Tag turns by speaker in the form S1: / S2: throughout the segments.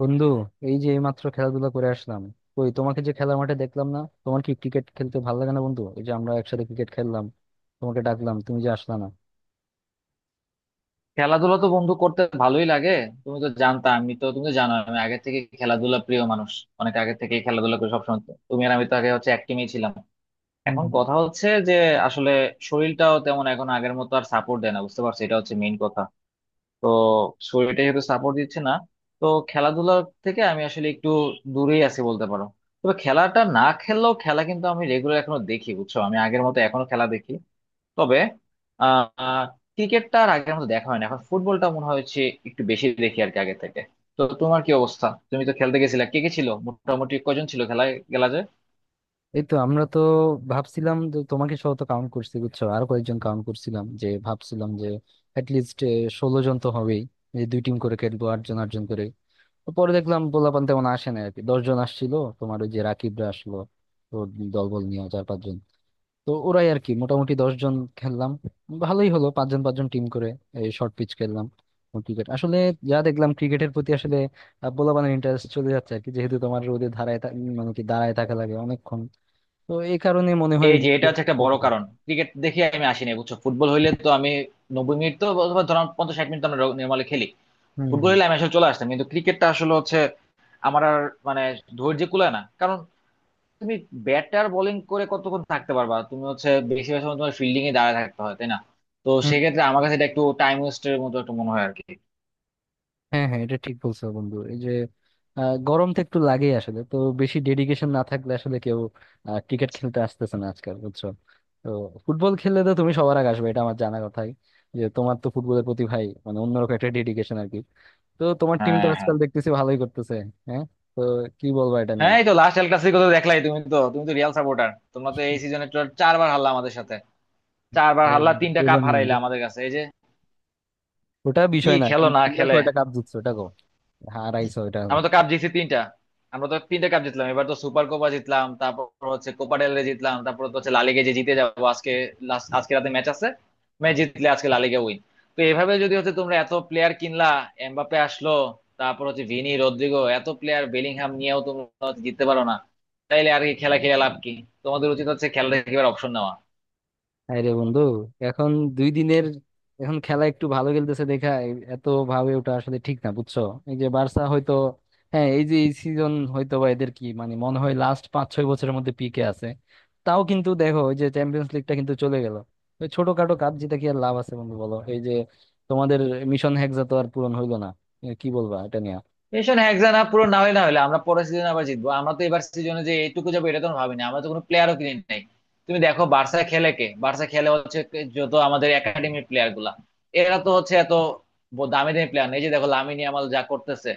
S1: বন্ধু, এই যে এইমাত্র খেলাধুলা করে আসলাম। কই, তোমাকে যে খেলার মাঠে দেখলাম না। তোমার কি ক্রিকেট খেলতে ভালো লাগে না বন্ধু? এই যে আমরা একসাথে ক্রিকেট খেললাম, তোমাকে ডাকলাম, তুমি যে আসলা না।
S2: খেলাধুলা তো বন্ধু করতে ভালোই লাগে। তুমি তো জানতা, আমি তো তুমি তো জানো আমি আগে থেকে খেলাধুলা প্রিয় মানুষ। অনেক আগে থেকে খেলাধুলা করি সবসময় তো। তুমি আর আমি তো আগে হচ্ছে এক team-এই ছিলাম।
S1: হুম,
S2: এখন
S1: হুম।
S2: কথা হচ্ছে যে আসলে শরীরটাও তেমন এখন আগের মতো আর সাপোর্ট দেয় না, বুঝতে পারছো? এটা হচ্ছে মেইন কথা। তো শরীরটা যেহেতু সাপোর্ট দিচ্ছে না, তো খেলাধুলা থেকে আমি আসলে একটু দূরেই আছি বলতে পারো। তবে খেলাটা না খেললেও খেলা কিন্তু আমি রেগুলার এখনো দেখি, বুঝছো? আমি আগের মতো এখনো খেলা দেখি। তবে আহ ক্রিকেটটা আর আগের মতো দেখা হয় না এখন, ফুটবলটা মনে হয় হচ্ছে একটু বেশি দেখি আর কি আগে থেকে। তো তোমার কি অবস্থা? তুমি তো খেলতে গেছিলা। কে কে ছিল, মোটামুটি কজন ছিল খেলায় গেলা যে?
S1: এই তো আমরা তো ভাবছিলাম যে তোমাকে সহ তো কাউন্ট করছি বুঝছো, আর কয়েকজন কাউন্ট করছিলাম, যে ভাবছিলাম যে অ্যাটলিস্ট 16 জন তো হবেই, যে দুই টিম করে খেলবো, 8 জন 8 জন করে। তো পরে দেখলাম পোলাপান তেমন আসে না আর কি, 10 জন আসছিল। তোমার ওই যে রাকিবরা আসলো তো দলবল নিয়ে 4-5 জন। তো ওরাই আর কি, মোটামুটি 10 জন খেললাম। ভালোই হলো, 5 জন 5 জন টিম করে এই শর্ট পিচ খেললাম। ক্রিকেট আসলে যা দেখলাম, ক্রিকেটের প্রতি আসলে পোলাপানের ইন্টারেস্ট চলে যাচ্ছে আর কি, যেহেতু তোমার রোদে ধারায় মানে কি দাঁড়ায় থাকা লাগে অনেকক্ষণ, তো এই কারণে মনে হয়
S2: এই যে এটা
S1: যে
S2: হচ্ছে একটা বড়
S1: খেলতে পারছি।
S2: কারণ, ক্রিকেট দেখে আমি আসিনি বুঝছো। ফুটবল হইলে তো আমি 90 মিনিট তো, অথবা ধরো 50-60 মিনিট তো আমরা নর্মালি খেলি। ফুটবল
S1: হম,
S2: হইলে আমি আসলে চলে আসতাম, কিন্তু ক্রিকেটটা আসলে হচ্ছে আমার আর মানে ধৈর্য কুলায় না। কারণ তুমি ব্যাটার বোলিং করে কতক্ষণ থাকতে পারবা? তুমি হচ্ছে বেশিরভাগ সময় তোমার ফিল্ডিং এ দাঁড়ায় থাকতে হয়, তাই না? তো
S1: হম।
S2: সেক্ষেত্রে আমার কাছে এটা একটু টাইম ওয়েস্টের মতো একটু মনে হয় আর কি।
S1: হ্যাঁ, হ্যাঁ, এটা ঠিক বলছো বন্ধু। এই যে গরম তো একটু লাগেই আসলে। তো বেশি ডেডিকেশন না থাকলে আসলে কেউ ক্রিকেট খেলতে আসতেছে না আজকাল, বুঝছো। তো ফুটবল খেললে তো তুমি সবার আগে আসবে, এটা আমার জানা কথাই। যে তোমার তো ফুটবলের প্রতি ভাই মানে অন্যরকম একটা ডেডিকেশন আর কি। তো তোমার টিম তো
S2: হ্যাঁ হ্যাঁ
S1: আজকাল দেখতেছি ভালোই করতেছে। হ্যাঁ, তো কি বলবো এটা নিয়ে।
S2: হ্যাঁ, এই তো লাস্ট এল ক্লাসিকো তো দেখলাই। তুমি তো রিয়াল সাপোর্টার। তোমরা তো এই সিজনে চারবার হারলা আমাদের সাথে, চারবার
S1: ও
S2: হারলা,
S1: বন্ধু,
S2: তিনটা
S1: বলো
S2: কাপ
S1: না
S2: হারাইলা
S1: বন্ধু,
S2: আমাদের কাছে এই যে।
S1: ওটা
S2: কি
S1: বিষয় না।
S2: খেলো
S1: কিন্তু
S2: না
S1: তোমরা
S2: খেলে!
S1: কয়টা কাপ জিতছো, ওটা কো হারাইছো ওটা।
S2: আমরা তো কাপ জিতছি তিনটা, আমরা তো তিনটা কাপ জিতলাম এবার। তো সুপার কোপা জিতলাম, তারপর হচ্ছে কোপা ডেল রে জিতলাম, তারপর তো হচ্ছে লা লিগে যে জিতে যাবো আজকে। লাস্ট আজকে রাতে ম্যাচ আছে, ম্যাচ জিতলে আজকে লা লিগে উইন। তো এভাবে যদি হচ্ছে, তোমরা এত প্লেয়ার কিনলা, এমবাপ্পে আসলো, তারপর হচ্ছে ভিনি রদ্রিগো, এত প্লেয়ার বেলিংহাম নিয়েও তোমরা হচ্ছে জিততে পারো না, তাইলে আর কি খেলা খেলে লাভ কি? তোমাদের উচিত হচ্ছে খেলা থেকে এবার অপশন নেওয়া।
S1: হায় রে বন্ধু, এখন দুই দিনের, এখন খেলা একটু ভালো খেলতেছে দেখা এত ভাবে ওটা আসলে ঠিক না, বুঝছো। এই যে বার্সা হয়তো, হ্যাঁ এই যে এই সিজন হয়তো বা এদের কি মানে মনে হয় লাস্ট 5-6 বছরের মধ্যে পিকে আছে। তাও কিন্তু দেখো, ওই যে চ্যাম্পিয়ন্স লিগটা কিন্তু চলে গেল। ওই ছোটখাটো কাপ জিতে কি আর লাভ আছে বন্ধু, বলো। এই যে তোমাদের মিশন হেক্সা তো আর পূরণ হইলো না, এ, কি বলবা এটা নিয়ে।
S2: সেশন হেক্সা না পুরো, না হলে আমরা পরের সিজনে আবার জিতবো। আমরা তো এবার সিজনে যে এইটুকু যাবো এটা তো আমরা ভাবিনি, আমরা তো কোনো প্লেয়ারও কিনে নাই। তুমি দেখো বার্সা খেলে কে, বার্সা খেলে হচ্ছে যত আমাদের একাডেমির প্লেয়ার গুলা, এরা তো হচ্ছে এত দামি দামি প্লেয়ার নেই। যে দেখো লামিন ইয়ামাল যা করতেছে,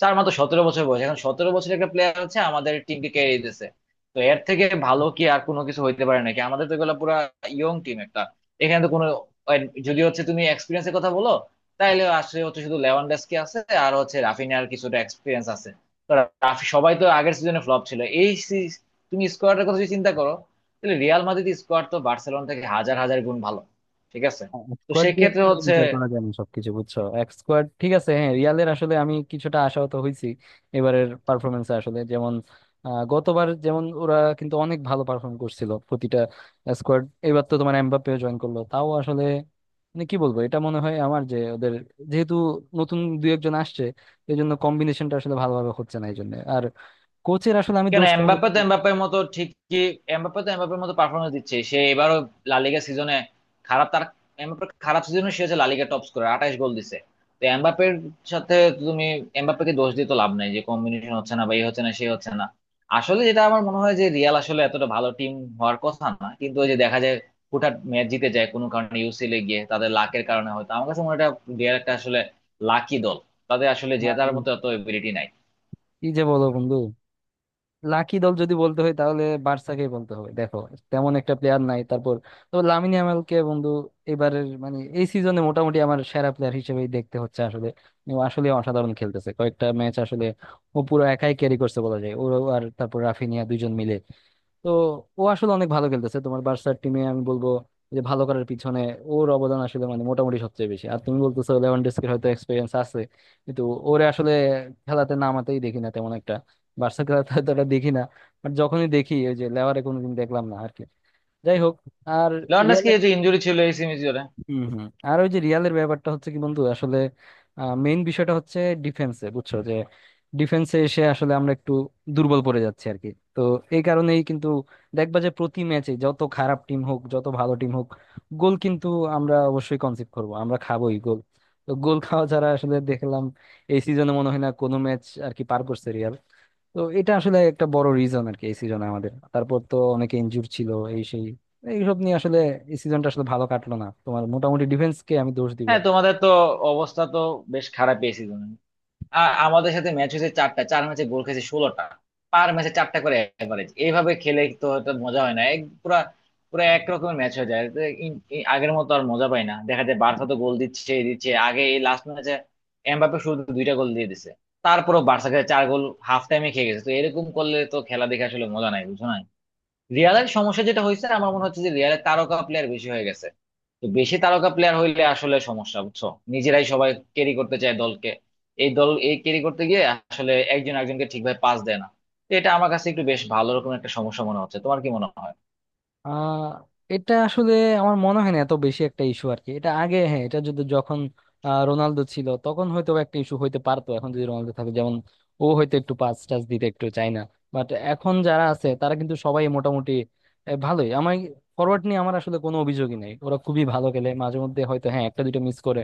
S2: তার মাত্র 17 বছর বয়স এখন। 17 বছরের একটা প্লেয়ার হচ্ছে আমাদের টিমকে ক্যারি দিতেছে। তো এর থেকে ভালো কি আর কোনো কিছু হইতে পারে নাকি? আমাদের তো এগুলো পুরা ইয়ং টিম একটা। এখানে তো কোনো, যদি হচ্ছে তুমি এক্সপিরিয়েন্সের কথা বলো, তাইলে আসলে হচ্ছে শুধু লেভানডস্কি আছে, আর হচ্ছে রাফিনিয়ার কিছুটা এক্সপিরিয়েন্স আছে। তো রাফি সবাই তো আগের সিজনে ফ্লপ ছিল এই তুমি স্কোয়াডের কথা যদি চিন্তা করো, তাহলে রিয়াল মাদ্রিদ স্কোয়াড তো বার্সেলোনা থেকে হাজার হাজার গুণ ভালো, ঠিক আছে? তো
S1: স্কোয়াড দিয়ে
S2: সেক্ষেত্রে
S1: আসলে
S2: হচ্ছে,
S1: বিচার করা যায় না সবকিছু, বুঝছো। এক স্কোয়াড ঠিক আছে, হ্যাঁ রিয়ালের আসলে আমি কিছুটা আশাহত হয়েছি এবারের পারফরমেন্সে। আসলে যেমন গতবার যেমন ওরা কিন্তু অনেক ভালো পারফর্ম করছিল প্রতিটা স্কোয়াড। এবার তো তোমার এমবাপ্পেও জয়েন করলো, তাও আসলে মানে কি বলবো, এটা মনে হয় আমার যে ওদের যেহেতু নতুন দু একজন আসছে, এই জন্য কম্বিনেশনটা আসলে ভালোভাবে হচ্ছে না, এই জন্য আর কোচের আসলে আমি
S2: কেন
S1: দোষ তেমন
S2: এমবাপ্পে
S1: একটা
S2: তো
S1: দিচ্ছি
S2: এমবাপ্পের মতো ঠিকই, এমবাপ্পে তো এমবাপ্পের মতো পারফরমেন্স দিচ্ছে সে এবারও লা লিগা সিজনে। খারাপ তার, এমবাপ্পের খারাপ সিজনে সে হচ্ছে লা লিগা টপ স্কোরার, 28 গোল দিছে। তো এমবাপ্পের সাথে তুমি, এমবাপ্পেকে দোষ দিয়ে তো লাভ নাই যে কম্বিনেশন হচ্ছে না, বা এই হচ্ছে না সে হচ্ছে না। আসলে যেটা আমার মনে হয় যে রিয়াল আসলে এতটা ভালো টিম হওয়ার কথা না, কিন্তু ওই যে দেখা যায় হুটহাট ম্যাচ জিতে যায় কোনো কারণে। ইউসিএল এ গিয়ে তাদের লাকের কারণে হয়তো, আমার কাছে মনে হয় এটা। রিয়াল একটা আসলে লাকি দল, তাদের আসলে
S1: না। আর
S2: জেতার মতো এত এবিলিটি নাই।
S1: কি যে বলো বন্ধু, লাকি দল যদি বলতে হয় তাহলে বার্সাকেই বলতে হবে। দেখো তেমন একটা প্লেয়ার নাই তারপর, তো লামিন ইয়ামালকে বন্ধু এবারের মানে এই সিজনে মোটামুটি আমার সেরা প্লেয়ার হিসেবেই দেখতে হচ্ছে আসলে। ও আসলে অসাধারণ খেলতেছে, কয়েকটা ম্যাচ আসলে ও পুরো একাই ক্যারি করছে বলা যায়। ও আর তারপর রাফিনিয়া দুইজন মিলে, তো ও আসলে অনেক ভালো খেলতেছে তোমার বার্সার টিমে। আমি বলবো যে ভালো করার পিছনে ওর অবদান আসলে মানে মোটামুটি সবচেয়ে বেশি। আর তুমি বলতেছো লেভানডস্কির হয়তো এক্সপিরিয়েন্স আছে, কিন্তু ওরে আসলে খেলাতে নামাতেই দেখি না তেমন একটা। বার্সা খেলাতে হয়তো ওটা দেখি না, বাট যখনই দেখি ওই যে লেভারে কোনোদিন দেখলাম না আর কি। যাই হোক, আর
S2: লর্নেস
S1: রিয়াল,
S2: কি এই যে ইঞ্জুরি ছিল এই সিমিজোরে।
S1: হম, হম। আর ওই যে রিয়ালের ব্যাপারটা হচ্ছে কি বন্ধু, আসলে মেইন বিষয়টা হচ্ছে ডিফেন্সে, বুঝছো। যে ডিফেন্সে এসে আসলে আমরা একটু দুর্বল পড়ে যাচ্ছি আর কি। তো এই কারণেই কিন্তু দেখবা যে প্রতি ম্যাচে যত খারাপ টিম হোক যত ভালো টিম হোক, গোল কিন্তু আমরা অবশ্যই কনসিভ করব, আমরা খাবোই গোল। তো গোল খাওয়া ছাড়া আসলে দেখলাম এই সিজনে মনে হয় না কোনো ম্যাচ আর কি পার করছে রিয়াল। তো এটা আসলে একটা বড় রিজন আর কি এই সিজনে আমাদের, তারপর তো অনেকে ইনজুর ছিল, এই সেই এইসব নিয়ে আসলে এই সিজনটা আসলে ভালো কাটলো না। তোমার মোটামুটি ডিফেন্স কে আমি দোষ দিব।
S2: হ্যাঁ তোমাদের তো অবস্থা তো বেশ খারাপ এই সিজনে। আমাদের সাথে ম্যাচ হয়েছে চারটা, চার ম্যাচে গোল খেয়েছে 16টা, পার ম্যাচে চারটা করে এভারেজ। এইভাবে খেলে তো এটা মজা হয় না। এক পুরা পুরো একরকমের ম্যাচ হয়ে যায় তো, আগের মতো আর মজা পাই না। দেখা যায় বার্সা তো গোল দিচ্ছে, এই দিচ্ছে আগে, এই লাস্ট ম্যাচে এমবাপ্পে শুরুতে দুইটা গোল দিয়ে দিছে, তারপরও বার্সাকে চার গোল হাফ টাইমে খেয়ে গেছে। তো এরকম করলে তো খেলা দেখে আসলে মজা নাই বুঝো না। রিয়ালের সমস্যা যেটা হয়েছে আমার মনে হচ্ছে যে রিয়ালের তারকা প্লেয়ার বেশি হয়ে গেছে। তো বেশি তারকা প্লেয়ার হইলে আসলে সমস্যা, বুঝছো? নিজেরাই সবাই ক্যারি করতে চায় দলকে, এই ক্যারি করতে গিয়ে আসলে একজন একজনকে ঠিকভাবে পাস দেয় না। তো এটা আমার কাছে একটু বেশ ভালো রকম একটা সমস্যা মনে হচ্ছে, তোমার কি মনে হয়?
S1: আহ এটা আসলে আমার মনে হয় না এত বেশি একটা ইস্যু আর কি। এটা আগে, হ্যাঁ এটা যদি যখন রোনালদো ছিল তখন হয়তো একটা ইস্যু হইতে পারতো। এখন যদি রোনালদো থাকে যেমন, ও হয়তো একটু পাস টাস দিতে একটু চায় না। বাট এখন যারা আছে তারা কিন্তু সবাই মোটামুটি ভালোই। আমার ফরওয়ার্ড নিয়ে আমার আসলে কোনো অভিযোগই নেই, ওরা খুবই ভালো খেলে। মাঝে মধ্যে হয়তো হ্যাঁ একটা দুটো মিস করে,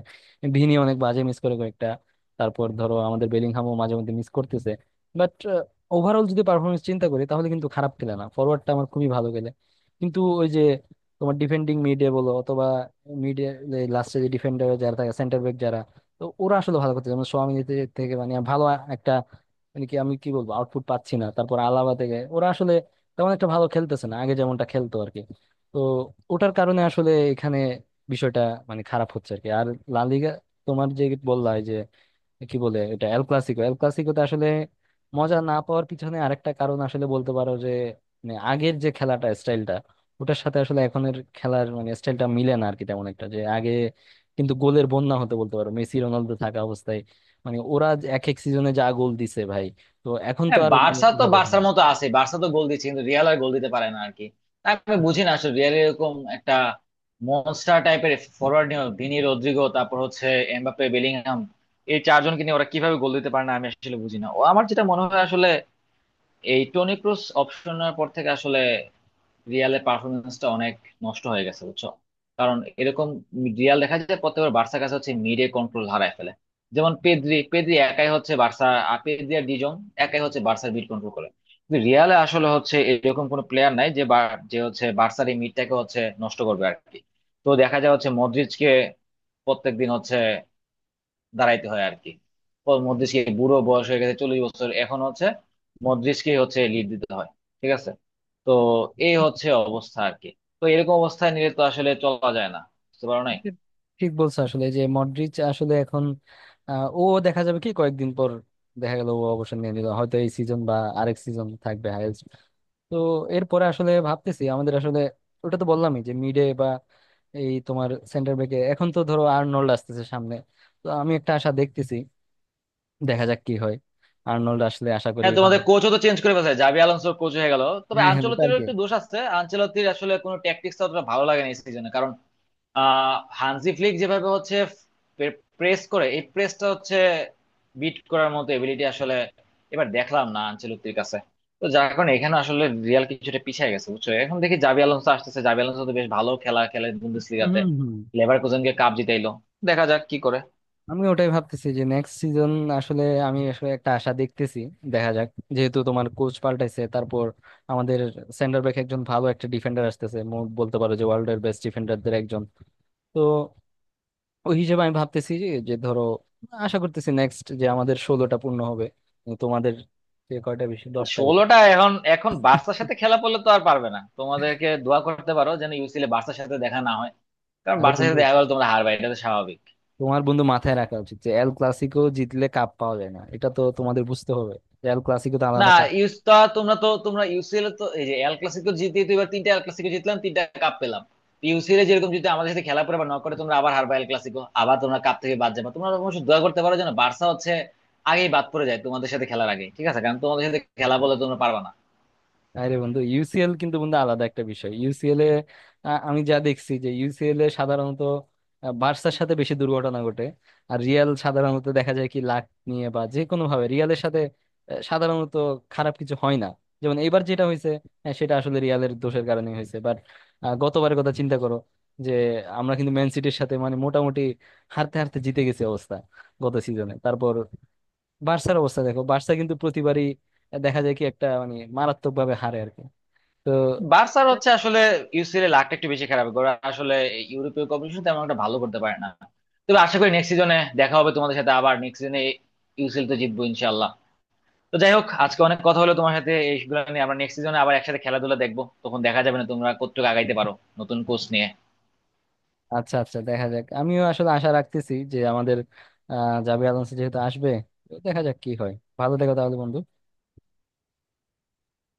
S1: ভিনি অনেক বাজে মিস করে কয়েকটা, তারপর ধরো আমাদের বেলিংহামও মাঝে মধ্যে মিস করতেছে। বাট ওভারঅল যদি পারফরমেন্স চিন্তা করি তাহলে কিন্তু খারাপ খেলে না, ফরওয়ার্ডটা আমার খুবই ভালো খেলে। কিন্তু ওই যে তোমার ডিফেন্ডিং মিডে বলো অথবা মিডে, লাস্টে যে ডিফেন্ডার যারা থাকে সেন্টার ব্যাক যারা, তো ওরা আসলে ভালো করতেছে মানে সোয়ামিনি থেকে মানে ভালো একটা মানে কি আমি কি বলবো, আউটপুট পাচ্ছি না। তারপর আলাবা থেকে ওরা আসলে তেমন একটা ভালো খেলতেছে না আগে যেমনটা খেলতো আর কি। তো ওটার কারণে আসলে এখানে বিষয়টা মানে খারাপ হচ্ছে আর কি। আর লা লিগা, তোমার যে বললা এই যে কি বলে এটা এল ক্লাসিকো, এল ক্লাসিকোতে আসলে মজা না পাওয়ার পিছনে আরেকটা কারণ আসলে বলতে পারো যে মানে আগের যে খেলাটা স্টাইলটা, ওটার সাথে আসলে এখনের খেলার মানে স্টাইলটা মিলে না আর কি তেমন একটা। যে আগে কিন্তু গোলের বন্যা হতে বলতে পারো মেসি রোনালদো থাকা অবস্থায়, মানে ওরা যে এক এক সিজনে যা গোল দিছে ভাই। তো এখন তো
S2: হ্যাঁ
S1: আর মানে
S2: বার্সা তো
S1: ওভাবে হয়
S2: বার্সার
S1: না।
S2: মতো আছে, বার্সা তো গোল দিচ্ছে কিন্তু রিয়াল আর গোল দিতে পারে না আর কি। তা আমি বুঝি না আসলে, রিয়াল এরকম একটা মনস্টার টাইপের ফরোয়ার্ড নিয়ে, ভিনি রদ্রিগো, তারপর হচ্ছে এমবাপ্পে বেলিংহাম, এই চারজনকে নিয়ে ওরা কিভাবে গোল দিতে পারে না আমি আসলে বুঝি না। ও আমার যেটা মনে হয় আসলে, এই টনি ক্রুস অপশনের পর থেকে আসলে রিয়ালের পারফরমেন্সটা অনেক নষ্ট হয়ে গেছে, বুঝছো? কারণ এরকম রিয়াল দেখা যায় প্রত্যেকবার বার্সার কাছে হচ্ছে মিডে কন্ট্রোল হারায় ফেলে। যেমন পেদ্রি পেদ্রি একাই হচ্ছে বার্সা, আর পেদ্রি আর ডিজং একাই হচ্ছে বার্সার মিড কন্ট্রোল করে। কিন্তু রিয়ালে আসলে হচ্ছে এরকম কোনো প্লেয়ার নাই যে যে হচ্ছে বার্সার এই মিডটাকে হচ্ছে নষ্ট করবে আর কি। তো দেখা যায় হচ্ছে মদ্রিজকে প্রত্যেকদিন হচ্ছে দাঁড়াইতে হয় আর কি। ও মদ্রিজকে বুড়ো বয়স হয়ে গেছে, 40 বছর এখন হচ্ছে, মদ্রিজকে হচ্ছে লিড দিতে হয়, ঠিক আছে? তো এই হচ্ছে অবস্থা আর কি। তো এরকম অবস্থায় নিয়ে তো আসলে চলা যায় না, বুঝতে পারো নাই?
S1: এটা ঠিক বলছো আসলে যে মডরিচ আসলে এখন, ও দেখা যাবে কি কয়েকদিন পর। দেখা গেল ও অবসর নিয়ে নিল হয়তো এই সিজন বা আরেক সিজন থাকবে। তো এরপরে আসলে ভাবতেছি আমাদের আসলে, ওটা তো বললামই যে মিডে বা এই তোমার সেন্টার ব্যাকে এখন তো ধরো আর্নল্ড আসতেছে সামনে, তো আমি একটা আশা দেখতেছি। দেখা যাক কি হয়, আর্নল্ড আসলে আশা করি
S2: হ্যাঁ
S1: ভালো।
S2: তোমাদের কোচও তো চেঞ্জ করে ফেলছে, জাবি আলোনসো কোচ হয়ে গেল। তবে
S1: হ্যাঁ, হ্যাঁ ওটা আর
S2: আনচেলত্তিরও
S1: কি।
S2: একটু দোষ আছে, আনচেলত্তির আসলে কোনো ট্যাকটিক্স অতটা ভালো লাগে না এই সিজনে। কারণ হানজি ফ্লিক যেভাবে হচ্ছে প্রেস করে, এই প্রেসটা হচ্ছে বিট করার মতো এবিলিটি আসলে এবার দেখলাম না আনচেলত্তির কাছে। তো যার কারণে এখানে আসলে রিয়াল কিছুটা পিছিয়ে গেছে বুঝছো। এখন দেখি জাবি আলোনসো আসতেছে, জাবি আলোনসো তো বেশ ভালো খেলা খেলে
S1: হম,
S2: বুন্দেসলিগাতে,
S1: হম।
S2: লেভারকুসেনকে কাপ জিতাইলো। দেখা যাক কি করে।
S1: আমি ওটাই ভাবতেছি যে নেক্সট সিজন আসলে আমি আসলে একটা আশা দেখতেছি। দেখা যাক, যেহেতু তোমার কোচ পাল্টাইছে, তারপর আমাদের সেন্টার ব্যাক একজন ভালো একটা ডিফেন্ডার আসতেছে বলতে পারো যে ওয়ার্ল্ড এর বেস্ট ডিফেন্ডারদের একজন। তো ওই হিসেবে আমি ভাবতেছি যে যে ধরো আশা করতেছি নেক্সট যে আমাদের 16টা পূর্ণ হবে। কিন্তু তোমাদের যে কয়টা বেশি 10টার উপরে।
S2: 16টা, এখন এখন বার্সার সাথে খেলা পড়লে তো আর পারবে না। তোমাদেরকে দোয়া করতে পারো যেন ইউসিএল বার্সার সাথে দেখা না হয়, কারণ
S1: আরে
S2: বার্সার
S1: বন্ধু,
S2: সাথে দেখা গেলে তোমরা হারবে, এটা তো স্বাভাবিক।
S1: তোমার বন্ধু মাথায় রাখা উচিত যে এল ক্লাসিকো জিতলে কাপ পাওয়া যায় না, এটা তো তোমাদের বুঝতে হবে। যে এল ক্লাসিকো তো
S2: না,
S1: আলাদা কাপ।
S2: ইউস তা তোমরা ইউসিএল তো এই যে এল ক্লাসিকো জিতে তো, এবার তিনটা এল ক্লাসিকো জিতলাম, তিনটা কাপ পেলাম। ইউসিএল এ যেরকম যদি আমাদের সাথে খেলা পরে বা নক করে, তোমরা আবার হারবা এল ক্লাসিকো, আবার তোমরা কাপ থেকে বাদ যাবে। তোমরা অবশ্য দোয়া করতে পারো যেন বার্সা হচ্ছে আগেই বাদ পড়ে যায় তোমাদের সাথে খেলার আগে, ঠিক আছে? কারণ তোমাদের সাথে খেলা বলে তোমরা পারবা না।
S1: আরে বন্ধু, ইউসিএল কিন্তু বন্ধু আলাদা একটা বিষয়। ইউসিএল এ, আ, আমি যা দেখছি যে ইউসিএল এ সাধারণত বার্সার সাথে বেশি দুর্ঘটনা ঘটে। আর রিয়াল সাধারণত দেখা যায় কি লাক নিয়ে বা যে কোনো ভাবে রিয়ালের সাথে সাধারণত খারাপ কিছু হয় না। যেমন এইবার যেটা হয়েছে, হ্যাঁ সেটা আসলে রিয়ালের দোষের কারণে হয়েছে। বাট গতবারের কথা চিন্তা করো, যে আমরা কিন্তু ম্যান সিটির সাথে মানে মোটামুটি হারতে হারতে জিতে গেছে অবস্থা গত সিজনে। তারপর বার্সার অবস্থা দেখো, বার্সা কিন্তু প্রতিবারই দেখা যায় কি একটা মানে মারাত্মক ভাবে হারে আর কি। তো
S2: বার্সার হচ্ছে আসলে ইউসিএল এ লাকটা একটু বেশি খারাপ, ওরা আসলে ইউরোপীয় কম্পিটিশন তেমন একটা ভালো করতে পারে না। তবে আশা করি নেক্সট সিজনে দেখা হবে তোমাদের সাথে, আবার নেক্সট সিজনে ইউসিএল তো জিতবো ইনশাল্লাহ। তো যাই হোক, আজকে অনেক কথা হলো তোমার সাথে এইগুলো নিয়ে। আমরা নেক্সট সিজনে আবার একসাথে খেলাধুলা দেখবো, তখন দেখা যাবে না তোমরা কতটুকু আগাইতে পারো নতুন কোচ নিয়ে।
S1: আচ্ছা, আচ্ছা, দেখা যাক। আমিও আসলে আশা রাখতেছি যে আমাদের জাবির আলোনসো যেহেতু আসবে, তো দেখা যাক কি হয়। ভালো থেকো তাহলে বন্ধু।